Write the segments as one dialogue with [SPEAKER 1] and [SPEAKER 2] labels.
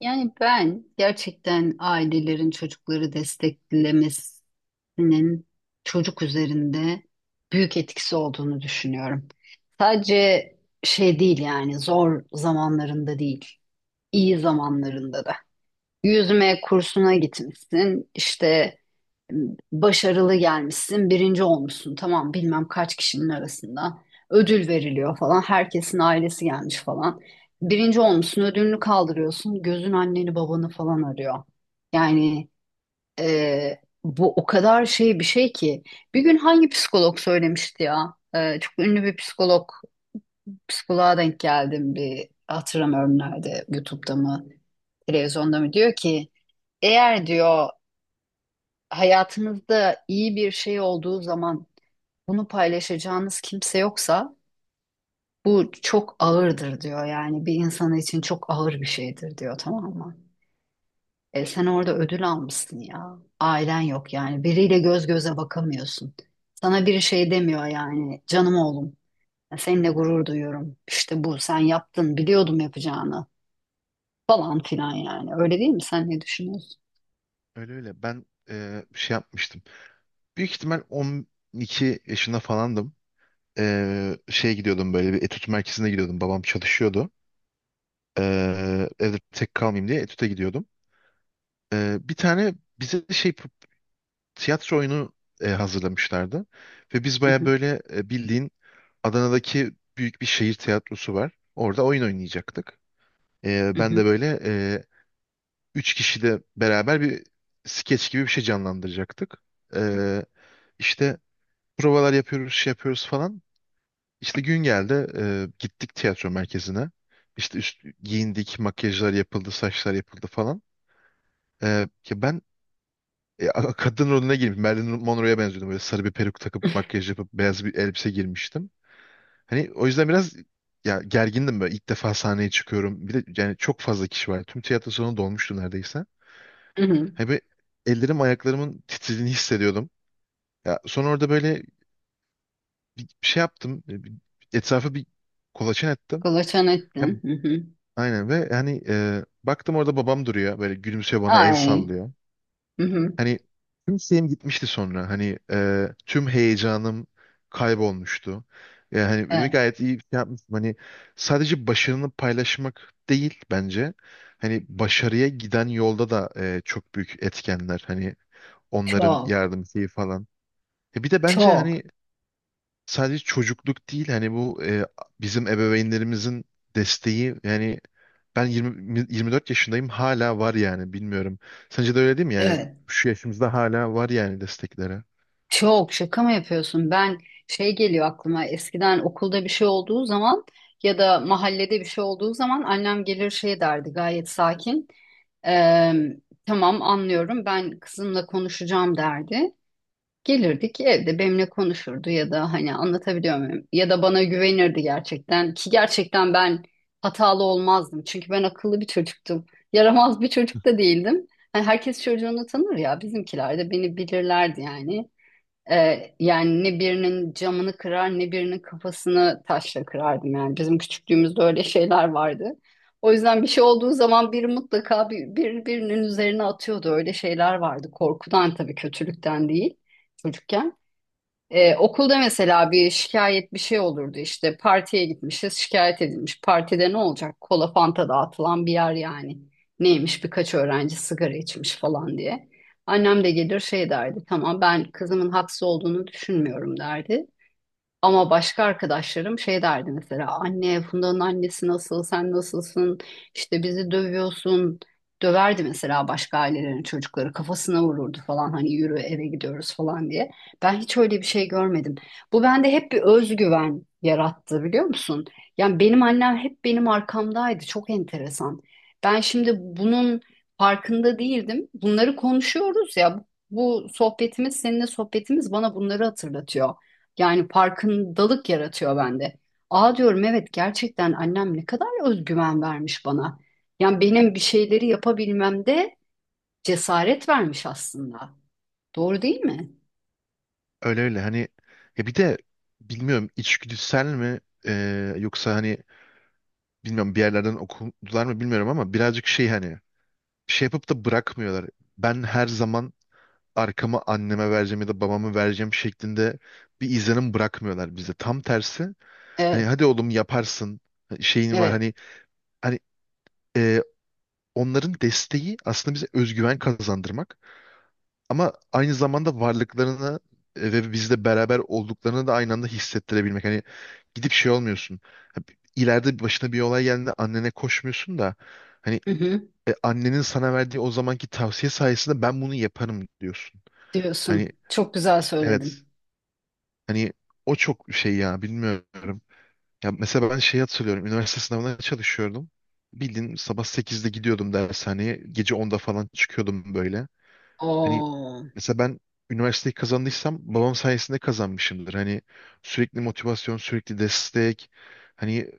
[SPEAKER 1] Yani ben gerçekten ailelerin çocukları desteklemesinin çocuk üzerinde büyük etkisi olduğunu düşünüyorum. Sadece şey değil yani zor zamanlarında değil, iyi zamanlarında da. Yüzme kursuna gitmişsin, işte başarılı gelmişsin, birinci olmuşsun. Tamam bilmem kaç kişinin arasında. Ödül veriliyor falan. Herkesin ailesi gelmiş falan. Birinci olmuşsun, ödülünü kaldırıyorsun. Gözün anneni babanı falan arıyor. Yani bu o kadar şey bir şey ki. Bir gün hangi psikolog söylemişti ya? Çok ünlü bir psikolog, psikoloğa denk geldim bir hatırlamıyorum nerede, YouTube'da mı, televizyonda mı diyor ki eğer diyor hayatınızda iyi bir şey olduğu zaman bunu paylaşacağınız kimse yoksa bu çok ağırdır diyor. Yani bir insan için çok ağır bir şeydir diyor tamam mı? E sen orada ödül almışsın ya. Ailen yok yani. Biriyle göz göze bakamıyorsun. Sana bir şey demiyor yani. Canım oğlum. Seninle gurur duyuyorum. İşte bu sen yaptın. Biliyordum yapacağını. Falan filan yani. Öyle değil mi? Sen ne düşünüyorsun?
[SPEAKER 2] Öyle öyle. Ben bir şey yapmıştım. Büyük ihtimal 12 yaşında falandım. Şeye gidiyordum böyle bir etüt merkezine gidiyordum. Babam çalışıyordu. Evde tek kalmayayım diye etüte gidiyordum. Bir tane bize şey tiyatro oyunu hazırlamışlardı. Ve biz
[SPEAKER 1] Hı
[SPEAKER 2] baya
[SPEAKER 1] hı.
[SPEAKER 2] böyle bildiğin Adana'daki büyük bir şehir tiyatrosu var. Orada oyun oynayacaktık.
[SPEAKER 1] Hı
[SPEAKER 2] Ben
[SPEAKER 1] hı.
[SPEAKER 2] de böyle üç kişi de beraber bir skeç gibi bir şey canlandıracaktık. Eee işte provalar yapıyoruz, şey yapıyoruz falan. İşte gün geldi, gittik tiyatro merkezine. İşte giyindik, makyajlar yapıldı, saçlar yapıldı falan. Ki ben kadın rolüne girmiş, Marilyn Monroe'ya benziyordum. Böyle sarı bir peruk takıp, makyaj yapıp, beyaz bir elbise girmiştim. Hani o yüzden biraz ya gergindim böyle. İlk defa sahneye çıkıyorum. Bir de yani çok fazla kişi var. Tüm tiyatro salonu dolmuştu neredeyse.
[SPEAKER 1] Hı hı.
[SPEAKER 2] Hani böyle ellerim, ayaklarımın titrediğini hissediyordum. Ya sonra orada böyle bir şey yaptım. Etrafı bir kolaçan ettim.
[SPEAKER 1] Kılıçan
[SPEAKER 2] Ya,
[SPEAKER 1] ettin.
[SPEAKER 2] aynen ve hani baktım orada babam duruyor böyle gülümsüyor bana el
[SPEAKER 1] Ay.
[SPEAKER 2] sallıyor.
[SPEAKER 1] Hı hı.
[SPEAKER 2] Hani tüm şeyim gitmişti sonra hani tüm heyecanım kaybolmuştu. Yani hani ve
[SPEAKER 1] Evet.
[SPEAKER 2] gayet iyi bir şey yapmıştım. Hani sadece başarını paylaşmak değil bence. Hani başarıya giden yolda da çok büyük etkenler. Hani onların
[SPEAKER 1] Çok.
[SPEAKER 2] yardım şeyi falan. Bir de bence hani
[SPEAKER 1] Çok.
[SPEAKER 2] sadece çocukluk değil hani bu bizim ebeveynlerimizin desteği yani ben 20, 24 yaşındayım hala var yani bilmiyorum. Sence de öyle değil mi yani
[SPEAKER 1] Evet.
[SPEAKER 2] şu yaşımızda hala var yani destekleri.
[SPEAKER 1] Çok. Şaka mı yapıyorsun? Ben şey geliyor aklıma. Eskiden okulda bir şey olduğu zaman ya da mahallede bir şey olduğu zaman annem gelir şey derdi gayet sakin. Eee, tamam anlıyorum ben kızımla konuşacağım derdi. Gelirdik evde benimle konuşurdu ya da hani anlatabiliyor muyum? Ya da bana güvenirdi gerçekten ki gerçekten ben hatalı olmazdım. Çünkü ben akıllı bir çocuktum. Yaramaz bir çocuk da değildim. Hani herkes çocuğunu tanır ya bizimkiler de beni bilirlerdi yani. Yani ne birinin camını kırar ne birinin kafasını taşla kırardım yani. Bizim küçüklüğümüzde öyle şeyler vardı. O yüzden bir şey olduğu zaman biri mutlaka birinin üzerine atıyordu. Öyle şeyler vardı. Korkudan tabii kötülükten değil çocukken. Okulda mesela bir şikayet bir şey olurdu işte partiye gitmişiz şikayet edilmiş partide ne olacak kola fanta dağıtılan bir yer yani neymiş birkaç öğrenci sigara içmiş falan diye annem de gelir şey derdi tamam ben kızımın haksız olduğunu düşünmüyorum derdi ama başka arkadaşlarım şey derdi mesela anne Funda'nın annesi nasıl sen nasılsın işte bizi dövüyorsun döverdi mesela başka ailelerin çocukları kafasına vururdu falan hani yürü eve gidiyoruz falan diye. Ben hiç öyle bir şey görmedim. Bu bende hep bir özgüven yarattı biliyor musun? Yani benim annem hep benim arkamdaydı çok enteresan. Ben şimdi bunun farkında değildim. Bunları konuşuyoruz ya bu sohbetimiz seninle sohbetimiz bana bunları hatırlatıyor. Yani farkındalık yaratıyor bende. Aa diyorum evet gerçekten annem ne kadar özgüven vermiş bana. Yani benim bir şeyleri yapabilmemde cesaret vermiş aslında. Doğru değil mi?
[SPEAKER 2] Öyle öyle hani ya bir de bilmiyorum içgüdüsel mi yoksa hani bilmiyorum bir yerlerden okudular mı bilmiyorum ama birazcık şey hani bir şey yapıp da bırakmıyorlar. Ben her zaman arkamı anneme vereceğim ya da babamı vereceğim şeklinde bir izlenim bırakmıyorlar bize. Tam tersi hani
[SPEAKER 1] Evet,
[SPEAKER 2] hadi oğlum yaparsın şeyin var
[SPEAKER 1] evet.
[SPEAKER 2] hani hani e, onların desteği aslında bize özgüven kazandırmak ama aynı zamanda varlıklarını ve bizle beraber olduklarını da aynı anda hissettirebilmek. Hani gidip şey olmuyorsun. Ha, bi- Başına bir olay geldiğinde annene koşmuyorsun da hani
[SPEAKER 1] Hı hı,
[SPEAKER 2] annenin sana verdiği o zamanki tavsiye sayesinde ben bunu yaparım diyorsun. Hani
[SPEAKER 1] diyorsun. Çok güzel
[SPEAKER 2] evet.
[SPEAKER 1] söyledin.
[SPEAKER 2] Hani o çok şey ya, bilmiyorum. Ya mesela ben şey hatırlıyorum. Üniversite sınavına çalışıyordum. Bildiğin sabah 8'de gidiyordum dershaneye. Gece 10'da falan çıkıyordum böyle. Hani
[SPEAKER 1] Oo,
[SPEAKER 2] mesela ben üniversiteyi kazandıysam babam sayesinde kazanmışımdır. Hani sürekli motivasyon, sürekli destek. Hani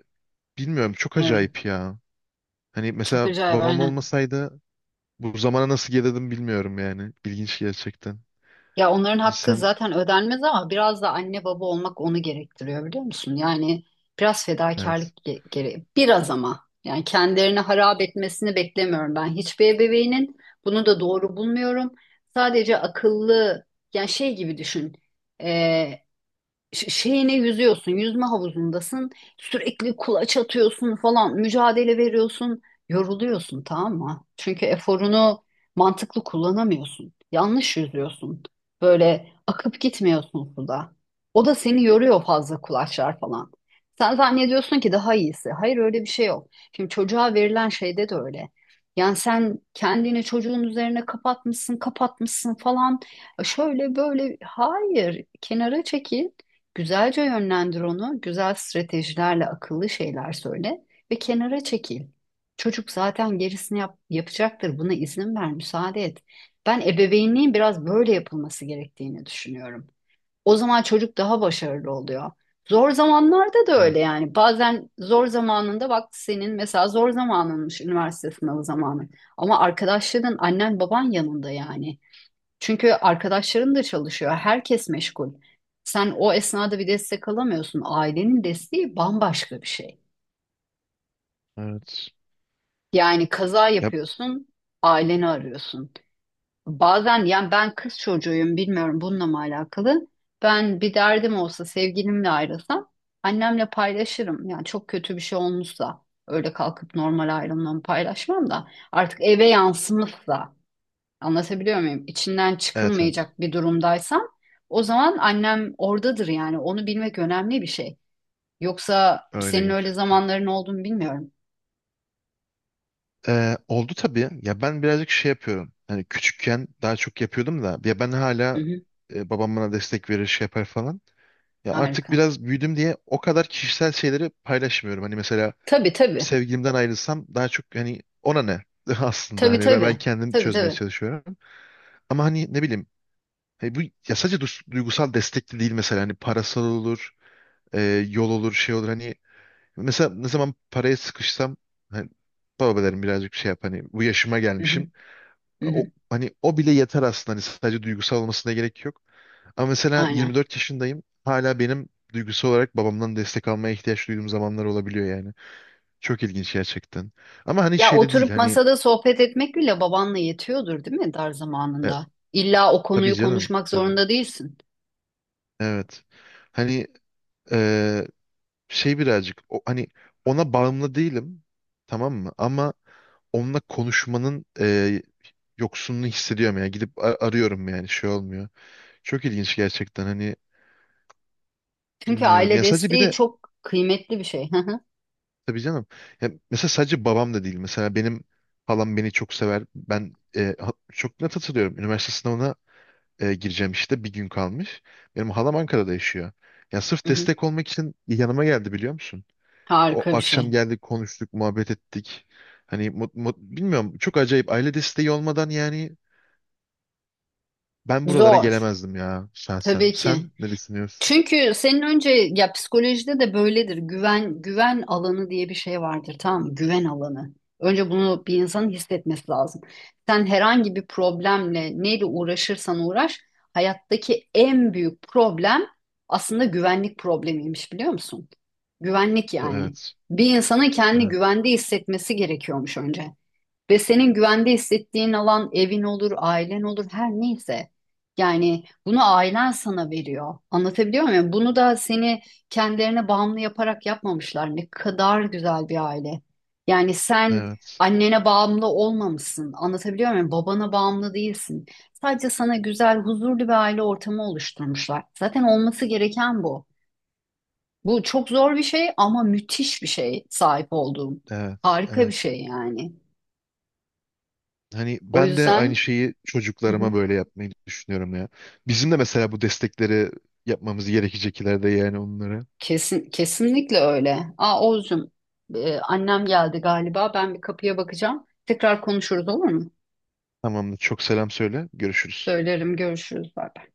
[SPEAKER 2] bilmiyorum çok
[SPEAKER 1] evet.
[SPEAKER 2] acayip ya. Hani
[SPEAKER 1] Çok
[SPEAKER 2] mesela
[SPEAKER 1] acayip
[SPEAKER 2] babam
[SPEAKER 1] aynen.
[SPEAKER 2] olmasaydı bu zamana nasıl gelirdim bilmiyorum yani. İlginç gerçekten.
[SPEAKER 1] Ya onların hakkı
[SPEAKER 2] Sen
[SPEAKER 1] zaten ödenmez ama biraz da anne baba olmak onu gerektiriyor biliyor musun? Yani biraz
[SPEAKER 2] evet.
[SPEAKER 1] fedakarlık gere biraz ama yani kendilerini harap etmesini beklemiyorum ben. Hiçbir ebeveynin bunu da doğru bulmuyorum. Sadece akıllı yani şey gibi düşün şeyine yüzüyorsun, yüzme havuzundasın, sürekli kulaç atıyorsun falan, mücadele veriyorsun, yoruluyorsun tamam mı? Çünkü eforunu mantıklı kullanamıyorsun. Yanlış yüzüyorsun. Böyle akıp gitmiyorsun suda. O da seni yoruyor fazla kulaçlar falan. Sen zannediyorsun ki daha iyisi. Hayır öyle bir şey yok. Şimdi çocuğa verilen şeyde de öyle. Yani sen kendini çocuğun üzerine kapatmışsın falan. Şöyle böyle hayır kenara çekil. Güzelce yönlendir onu, güzel stratejilerle akıllı şeyler söyle ve kenara çekil. Çocuk zaten gerisini yapacaktır. Buna izin ver, müsaade et. Ben ebeveynliğin biraz böyle yapılması gerektiğini düşünüyorum. O zaman çocuk daha başarılı oluyor. Zor zamanlarda da
[SPEAKER 2] Evet,
[SPEAKER 1] öyle yani. Bazen zor zamanında bak senin mesela zor zamanınmış üniversite sınavı zamanı. Ama arkadaşların annen baban yanında yani. Çünkü arkadaşların da çalışıyor, herkes meşgul. Sen o esnada bir destek alamıyorsun. Ailenin desteği bambaşka bir şey.
[SPEAKER 2] evet.
[SPEAKER 1] Yani kaza
[SPEAKER 2] Yap,
[SPEAKER 1] yapıyorsun, aileni arıyorsun. Bazen yani ben kız çocuğuyum, bilmiyorum bununla mı alakalı. Ben bir derdim olsa sevgilimle ayrılsam annemle paylaşırım. Yani çok kötü bir şey olmuşsa öyle kalkıp normal ayrılmamı paylaşmam da artık eve yansımışsa anlatabiliyor muyum? İçinden
[SPEAKER 2] evet, evet.
[SPEAKER 1] çıkılmayacak bir durumdaysam o zaman annem oradadır yani. Onu bilmek önemli bir şey. Yoksa
[SPEAKER 2] Öyle
[SPEAKER 1] senin öyle
[SPEAKER 2] gerçekten.
[SPEAKER 1] zamanların olduğunu bilmiyorum.
[SPEAKER 2] Oldu tabii. Ya ben birazcık şey yapıyorum. Hani küçükken daha çok yapıyordum da. Ya ben
[SPEAKER 1] Hı
[SPEAKER 2] hala
[SPEAKER 1] hı,
[SPEAKER 2] babam bana destek verir şey yapar falan. Ya artık
[SPEAKER 1] harika.
[SPEAKER 2] biraz büyüdüm diye o kadar kişisel şeyleri paylaşmıyorum. Hani mesela
[SPEAKER 1] Tabii tabii.
[SPEAKER 2] sevgilimden ayrılsam daha çok hani ona ne aslında
[SPEAKER 1] Tabii
[SPEAKER 2] hani ben
[SPEAKER 1] tabii.
[SPEAKER 2] kendim
[SPEAKER 1] Tabii
[SPEAKER 2] çözmeye
[SPEAKER 1] tabii.
[SPEAKER 2] çalışıyorum. Ama hani ne bileyim hani bu ya sadece duygusal destek de değil mesela hani parasal olur, e, yol olur, şey olur hani mesela ne zaman paraya sıkışsam hani baba derim birazcık şey yap hani bu yaşıma
[SPEAKER 1] Hı
[SPEAKER 2] gelmişim.
[SPEAKER 1] hı, hı
[SPEAKER 2] O,
[SPEAKER 1] hı.
[SPEAKER 2] hani o bile yeter aslında. Hani sadece duygusal olmasına gerek yok. Ama mesela
[SPEAKER 1] Aynen.
[SPEAKER 2] 24 yaşındayım. Hala benim duygusal olarak babamdan destek almaya ihtiyaç duyduğum zamanlar olabiliyor yani. Çok ilginç gerçekten. Ama hani
[SPEAKER 1] Ya
[SPEAKER 2] şeyde değil
[SPEAKER 1] oturup
[SPEAKER 2] hani
[SPEAKER 1] masada sohbet etmek bile babanla yetiyordur değil mi dar
[SPEAKER 2] e,
[SPEAKER 1] zamanında? İlla o
[SPEAKER 2] tabii
[SPEAKER 1] konuyu
[SPEAKER 2] canım.
[SPEAKER 1] konuşmak
[SPEAKER 2] Tabii.
[SPEAKER 1] zorunda değilsin.
[SPEAKER 2] Evet. Hani e, şey birazcık o, hani ona bağımlı değilim. Tamam mı? Ama onunla konuşmanın yoksunluğu hissediyorum yani. Gidip arıyorum yani şey olmuyor. Çok ilginç gerçekten hani
[SPEAKER 1] Çünkü
[SPEAKER 2] bilmiyorum.
[SPEAKER 1] aile
[SPEAKER 2] Ya sadece bir
[SPEAKER 1] desteği
[SPEAKER 2] de
[SPEAKER 1] çok kıymetli bir şey. Hı hı,
[SPEAKER 2] tabii canım. Ya mesela sadece babam da değil. Mesela benim halam beni çok sever. Ben çok net hatırlıyorum. Üniversite sınavına gireceğim işte bir gün kalmış. Benim halam Ankara'da yaşıyor. Ya sırf
[SPEAKER 1] hı hı.
[SPEAKER 2] destek olmak için yanıma geldi biliyor musun? O
[SPEAKER 1] Harika bir şey.
[SPEAKER 2] akşam geldik, konuştuk, muhabbet ettik. Hani bilmiyorum çok acayip aile desteği olmadan yani ben buralara
[SPEAKER 1] Zor.
[SPEAKER 2] gelemezdim ya şahsen.
[SPEAKER 1] Tabii ki.
[SPEAKER 2] Sen ne düşünüyorsun?
[SPEAKER 1] Çünkü senin önce ya psikolojide de böyledir. Güven alanı diye bir şey vardır tamam mı? Güven alanı. Önce bunu bir insanın hissetmesi lazım. Sen herhangi bir problemle neyle uğraşırsan uğraş hayattaki en büyük problem aslında güvenlik problemiymiş biliyor musun? Güvenlik yani.
[SPEAKER 2] Evet.
[SPEAKER 1] Bir insanın kendini
[SPEAKER 2] Evet.
[SPEAKER 1] güvende hissetmesi gerekiyormuş önce. Ve senin güvende hissettiğin alan evin olur, ailen olur, her neyse. Yani bunu ailen sana veriyor. Anlatabiliyor muyum? Yani bunu da seni kendilerine bağımlı yaparak yapmamışlar. Ne kadar güzel bir aile. Yani sen
[SPEAKER 2] Evet.
[SPEAKER 1] annene bağımlı olmamışsın. Anlatabiliyor muyum? Babana bağımlı değilsin. Sadece sana güzel, huzurlu bir aile ortamı oluşturmuşlar. Zaten olması gereken bu. Bu çok zor bir şey ama müthiş bir şey sahip olduğum.
[SPEAKER 2] Evet.
[SPEAKER 1] Harika bir
[SPEAKER 2] Evet.
[SPEAKER 1] şey yani.
[SPEAKER 2] Hani
[SPEAKER 1] O
[SPEAKER 2] ben de aynı
[SPEAKER 1] yüzden...
[SPEAKER 2] şeyi
[SPEAKER 1] Hı hı.
[SPEAKER 2] çocuklarıma böyle yapmayı düşünüyorum ya. Bizim de mesela bu destekleri yapmamız gerekecek ileride yani onlara.
[SPEAKER 1] Kesin, kesinlikle öyle. Aa Oğuzcum, annem geldi galiba. Ben bir kapıya bakacağım. Tekrar konuşuruz olur mu?
[SPEAKER 2] Tamamdır. Çok selam söyle. Görüşürüz.
[SPEAKER 1] Söylerim, görüşürüz. Bay bay.